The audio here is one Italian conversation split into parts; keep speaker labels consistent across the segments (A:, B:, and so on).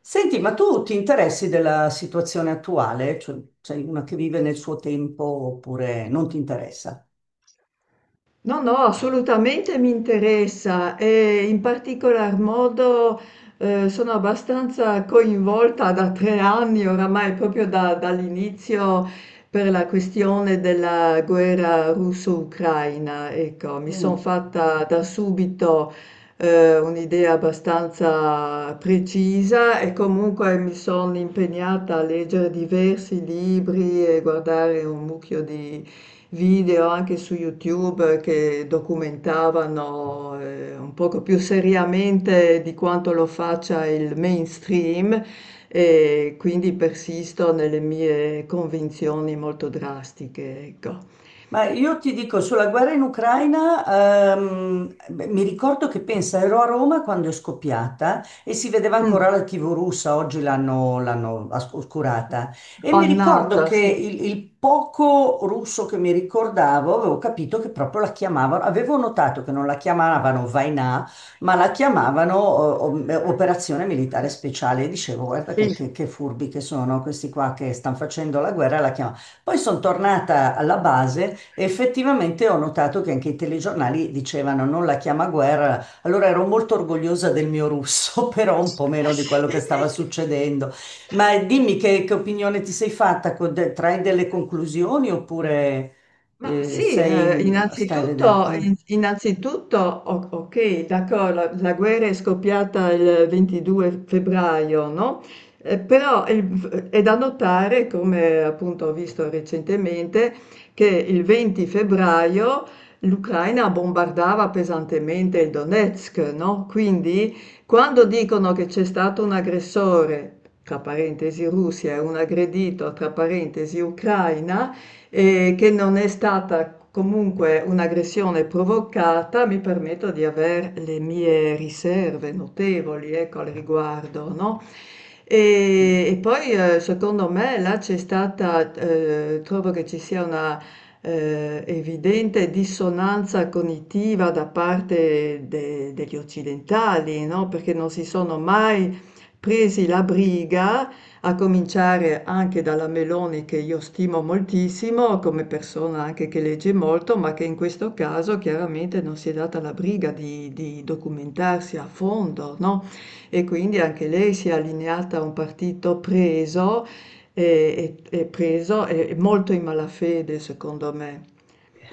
A: Senti, ma tu ti interessi della situazione attuale? Cioè, sei una che vive nel suo tempo oppure non ti interessa?
B: No, no, assolutamente mi interessa e in particolar modo sono abbastanza coinvolta da 3 anni oramai, proprio dall'inizio per la questione della guerra russo-ucraina. Ecco, mi sono
A: Mm.
B: fatta da subito un'idea abbastanza precisa e comunque mi sono impegnata a leggere diversi libri e guardare un mucchio di video anche su YouTube che documentavano un poco più seriamente di quanto lo faccia il mainstream e quindi persisto nelle mie convinzioni molto drastiche, ecco.
A: Ma io ti dico, sulla guerra in Ucraina, beh, mi ricordo che pensa, ero a Roma quando è scoppiata e si vedeva
B: Mm.
A: ancora la TV russa, oggi l'hanno oscurata. E mi ricordo
B: Pannata,
A: che
B: sì.
A: il poco russo che mi ricordavo, avevo capito che proprio la chiamavano, avevo notato che non la chiamavano Vainà, ma la chiamavano Operazione Militare Speciale. E dicevo, guarda
B: Sì.
A: che furbi che sono questi qua che stanno facendo la guerra, la chiamavano. Poi sono tornata alla base e effettivamente ho notato che anche i telegiornali dicevano non la chiama guerra, allora ero molto orgogliosa del mio russo, però un po' meno di quello che stava succedendo. Ma dimmi che opinione ti sei fatta, trai delle conclusioni oppure
B: Ma sì,
A: sei, stai a vedere.
B: innanzitutto,
A: Eh?
B: innanzitutto, ok, d'accordo, la guerra è scoppiata il 22 febbraio, no? Però è da notare, come appunto ho visto recentemente, che il 20 febbraio l'Ucraina bombardava pesantemente il Donetsk, no? Quindi quando dicono che c'è stato un aggressore, tra parentesi Russia, e un aggredito, tra parentesi Ucraina, che non è stata comunque un'aggressione provocata, mi permetto di avere le mie riserve notevoli ecco, al riguardo, no? E poi secondo me là c'è stata, trovo che ci sia una evidente dissonanza cognitiva da parte degli occidentali, no? Perché non si sono mai presi la briga a cominciare anche dalla Meloni che io stimo moltissimo come persona anche che legge molto, ma che in questo caso chiaramente non si è data la briga di documentarsi a fondo, no? E quindi anche lei si è allineata a un partito preso e, e preso e molto in malafede, secondo me.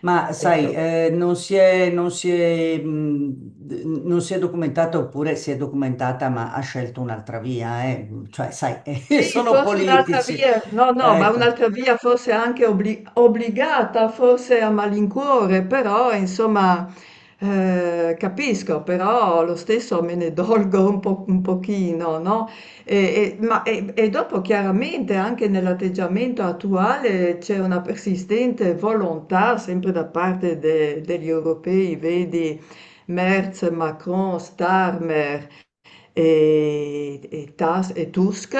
A: Ma sai,
B: Ecco.
A: non si è documentata oppure si è documentata ma ha scelto un'altra via, eh. Cioè, sai,
B: Sì,
A: sono
B: forse un'altra
A: politici.
B: via, no, no, ma
A: Ecco.
B: un'altra via forse anche obbligata, forse a malincuore, però insomma capisco, però lo stesso me ne dolgo un po', un pochino, no? E dopo chiaramente anche nell'atteggiamento attuale c'è una persistente volontà sempre da parte degli europei, vedi Merz, Macron, Starmer e, e Tusk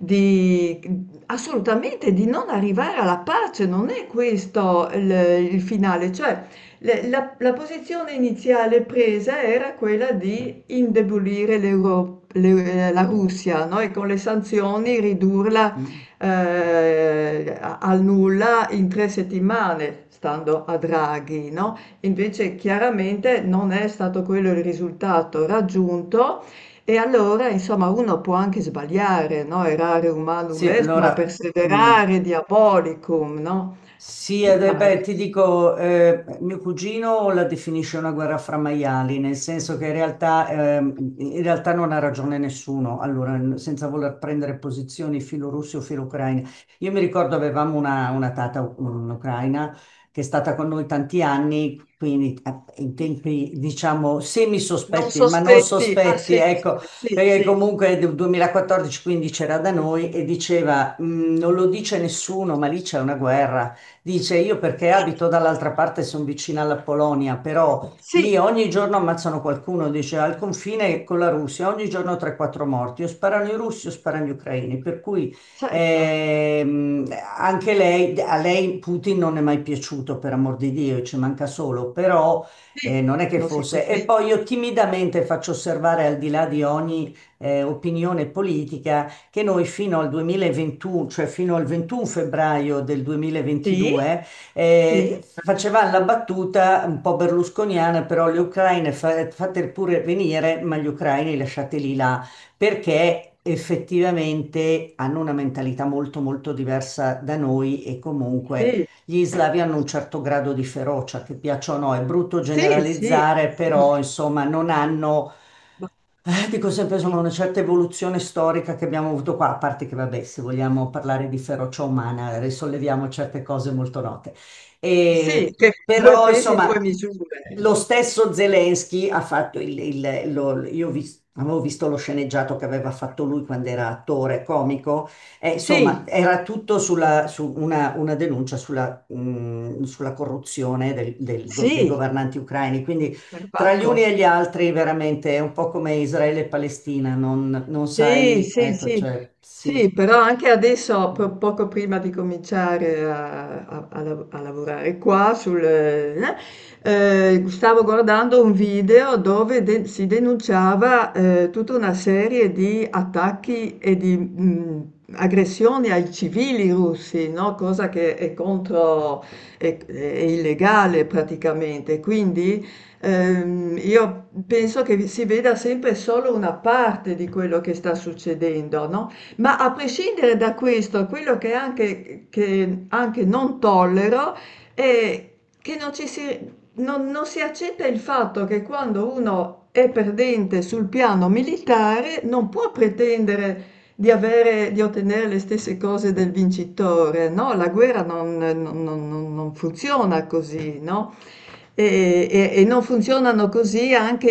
B: di assolutamente di non arrivare alla pace, non è questo il finale, cioè la posizione iniziale presa era quella di indebolire la Russia, no? E con le sanzioni ridurla al nulla in 3 settimane, stando a Draghi, no? Invece chiaramente non è stato quello il risultato raggiunto e allora, insomma, uno può anche sbagliare, no? Errare humanum
A: Sì,
B: est, ma
A: allora... mm.
B: perseverare diabolicum, no?
A: Sì,
B: Ti
A: ed è,
B: pare?
A: beh, ti dico, mio cugino la definisce una guerra fra maiali, nel senso che in realtà non ha ragione nessuno, allora, n- senza voler prendere posizioni filo russe o filo ucraine. Io mi ricordo avevamo una tata un'ucraina che è stata con noi tanti anni, quindi in tempi, diciamo,
B: Non
A: semi-sospetti, ma non
B: sospetti. Ah,
A: sospetti,
B: sì, mi
A: ecco,
B: sembra, sì,
A: perché
B: sì.
A: comunque nel 2014-15 era da noi e diceva, "Mm, non lo dice nessuno, ma lì c'è una guerra. Dice, io perché
B: Eh,
A: abito dall'altra parte, sono vicina alla Polonia, però
B: sì,
A: lì ogni giorno ammazzano qualcuno, dice, al confine con la Russia, ogni giorno 3-4 morti, o sparano i russi o sparano gli ucraini, per cui
B: certo,
A: ehm, anche lei, a lei Putin non è mai piaciuto, per amor di Dio, ci manca solo, però
B: sì.
A: non è che
B: Non
A: fosse. E
B: sospetti.
A: poi io timidamente faccio osservare, al di là di ogni opinione politica, che noi fino al 2021, cioè fino al 21 febbraio del
B: Sì,
A: 2022,
B: sì,
A: facevamo la battuta un po' berlusconiana, però gli ucraini fate pure venire, ma gli ucraini lasciateli là, perché effettivamente hanno una mentalità molto molto diversa da noi e comunque
B: sì,
A: gli slavi hanno un certo grado di ferocia, che piaccia o no, è brutto
B: sì, sì,
A: generalizzare,
B: sì.
A: però insomma non hanno
B: Ma-
A: dico sempre, insomma, una certa evoluzione storica che abbiamo avuto qua, a parte che, vabbè, se vogliamo parlare di ferocia umana, risolleviamo certe cose molto note. E-
B: sì, che due
A: Però,
B: pesi, due
A: insomma,
B: misure.
A: lo stesso Zelensky ha fatto io avevo visto lo sceneggiato che aveva fatto lui quando era attore comico, e, insomma,
B: Sì,
A: era tutto una denuncia sulla, sulla corruzione dei
B: sì,
A: governanti ucraini. Quindi tra gli uni e
B: perbacco.
A: gli altri veramente è un po' come Israele e Palestina, non, non
B: Sì,
A: sai,
B: sì,
A: ecco,
B: sì,
A: cioè,
B: sì,
A: sì,
B: però anche adesso, poco prima di cominciare a, a lavorare qua, sul, stavo guardando un video dove si denunciava tutta una serie di attacchi e di aggressioni ai civili russi, no? Cosa che è contro, è illegale praticamente. Quindi io penso che si veda sempre solo una parte di quello che sta succedendo, no? Ma a prescindere da questo, quello che anche non tollero è che non ci si, non, non si accetta il fatto che quando uno è perdente sul piano militare non può pretendere di avere, di ottenere le stesse cose del vincitore, no? La guerra non funziona così, no? E non funzionano così anche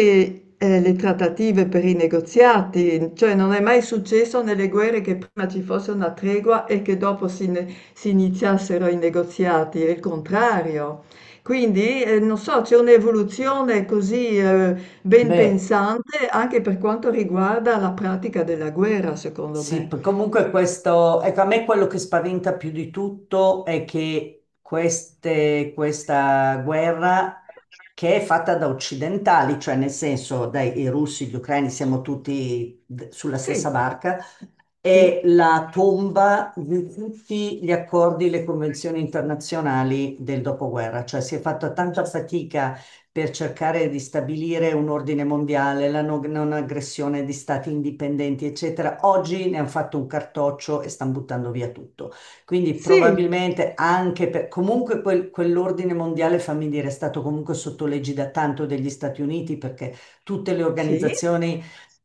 B: le trattative per i negoziati, cioè non è mai successo nelle guerre che prima ci fosse una tregua e che dopo si, si iniziassero i negoziati, è il contrario. Quindi, non so, c'è un'evoluzione così ben
A: beh.
B: pensante anche per quanto riguarda la pratica della guerra, secondo
A: Sì,
B: me.
A: p- comunque questo, ecco, a me quello che spaventa più di tutto è che queste, questa guerra che è fatta da occidentali, cioè nel senso dai i russi, gli ucraini, siamo tutti sulla
B: Sì,
A: stessa barca,
B: sì,
A: è la tomba di tutti gli accordi, le convenzioni internazionali del dopoguerra, cioè si è fatta tanta fatica per cercare di stabilire un ordine mondiale, la non aggressione di stati indipendenti, eccetera. Oggi ne hanno fatto un cartoccio e stanno buttando via tutto. Quindi
B: sì,
A: probabilmente anche per... Comunque quell'ordine mondiale, fammi dire, è stato comunque sotto da tanto degli Stati Uniti perché tutte le
B: sì,
A: organizzazioni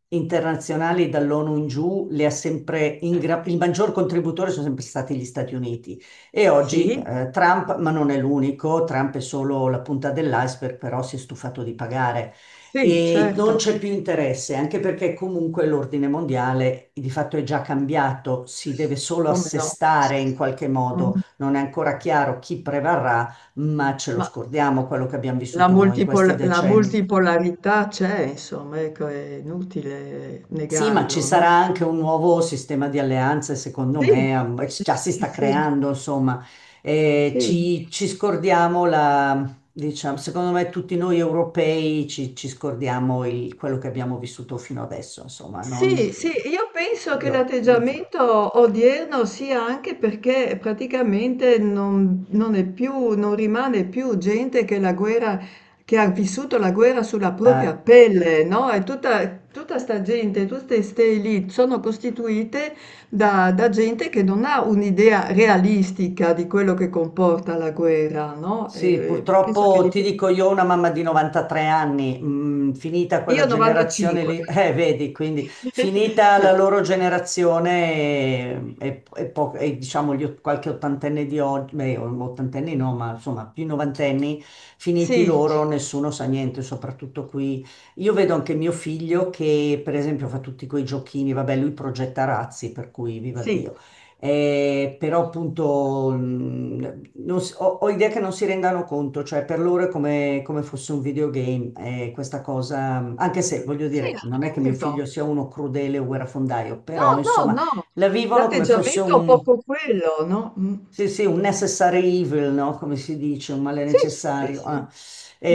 A: internazionali dall'ONU in giù le ha sempre... ingra- Il maggior contributore sono sempre stati gli Stati Uniti. E oggi
B: sì,
A: Trump, ma non è l'unico, Trump è solo la punta dell'iceberg, però si è stufato di pagare
B: sì,
A: e non
B: certo,
A: c'è più interesse, anche perché comunque l'ordine mondiale di fatto è già cambiato, si deve solo
B: come no.
A: assestare in qualche modo,
B: Mh.
A: non è ancora chiaro chi prevarrà, ma ce lo
B: Ma
A: scordiamo quello che abbiamo
B: la
A: vissuto noi in questi
B: la
A: decenni.
B: multipolarità c'è, insomma, ecco, è inutile
A: Sì, ma ci
B: negarlo, no?
A: sarà anche un nuovo sistema di alleanze, secondo
B: Sì,
A: me, am-
B: sì,
A: già si sta
B: sì,
A: creando, insomma, eh,
B: sì, sì.
A: ci scordiamo la, diciamo, secondo me tutti noi europei ci scordiamo quello che abbiamo vissuto fino adesso, insomma, non
B: Sì, sì, io penso che
A: io, non so.
B: l'atteggiamento odierno sia anche perché praticamente non è più, non rimane più gente che la guerra, che ha vissuto la guerra sulla
A: Eh,
B: propria pelle, no? E tutta, tutta sta gente, tutte ste elite sono costituite da, da gente che non ha un'idea realistica di quello che comporta la guerra, no?
A: Sì,
B: E penso che
A: purtroppo ti
B: dipenda.
A: dico io ho una mamma di 93 anni, mm, finita quella
B: Io
A: generazione
B: 95.
A: lì, vedi, quindi finita
B: Sì,
A: la loro generazione e, diciamo gli, qualche ottantenne di oggi, beh, ottantenni no, ma insomma più novantenni, finiti
B: sì.
A: loro, nessuno sa niente, soprattutto qui. Io vedo anche mio figlio che per esempio fa tutti quei giochini, vabbè, lui progetta razzi, per cui viva
B: Sì,
A: Dio. Però appunto mm, non si- ho, ho idea che non si rendano conto, cioè per loro è come, come fosse un videogame, e questa cosa, mm, anche se voglio
B: sì,
A: dire, non è che mio
B: appunto.
A: figlio sia uno crudele o guerrafondaio,
B: No,
A: però
B: no,
A: insomma
B: no,
A: la vivono come fosse
B: l'atteggiamento è un
A: un
B: poco quello, no? Mm.
A: sì, sì, un necessary evil, no? Come si dice, un male
B: Sì, sì,
A: necessario.
B: sì.
A: Ah.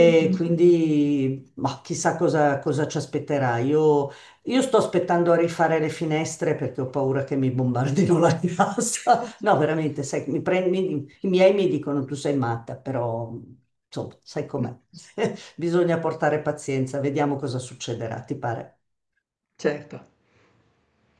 B: Mm, mm, mm.
A: quindi, ma chissà cosa, cosa ci aspetterà. Io sto aspettando a rifare le finestre perché ho paura che mi bombardino la casa. No, veramente, sai, i miei mi dicono tu sei matta, però, insomma, sai com'è. Bisogna portare pazienza, vediamo cosa succederà, ti pare?
B: Certo.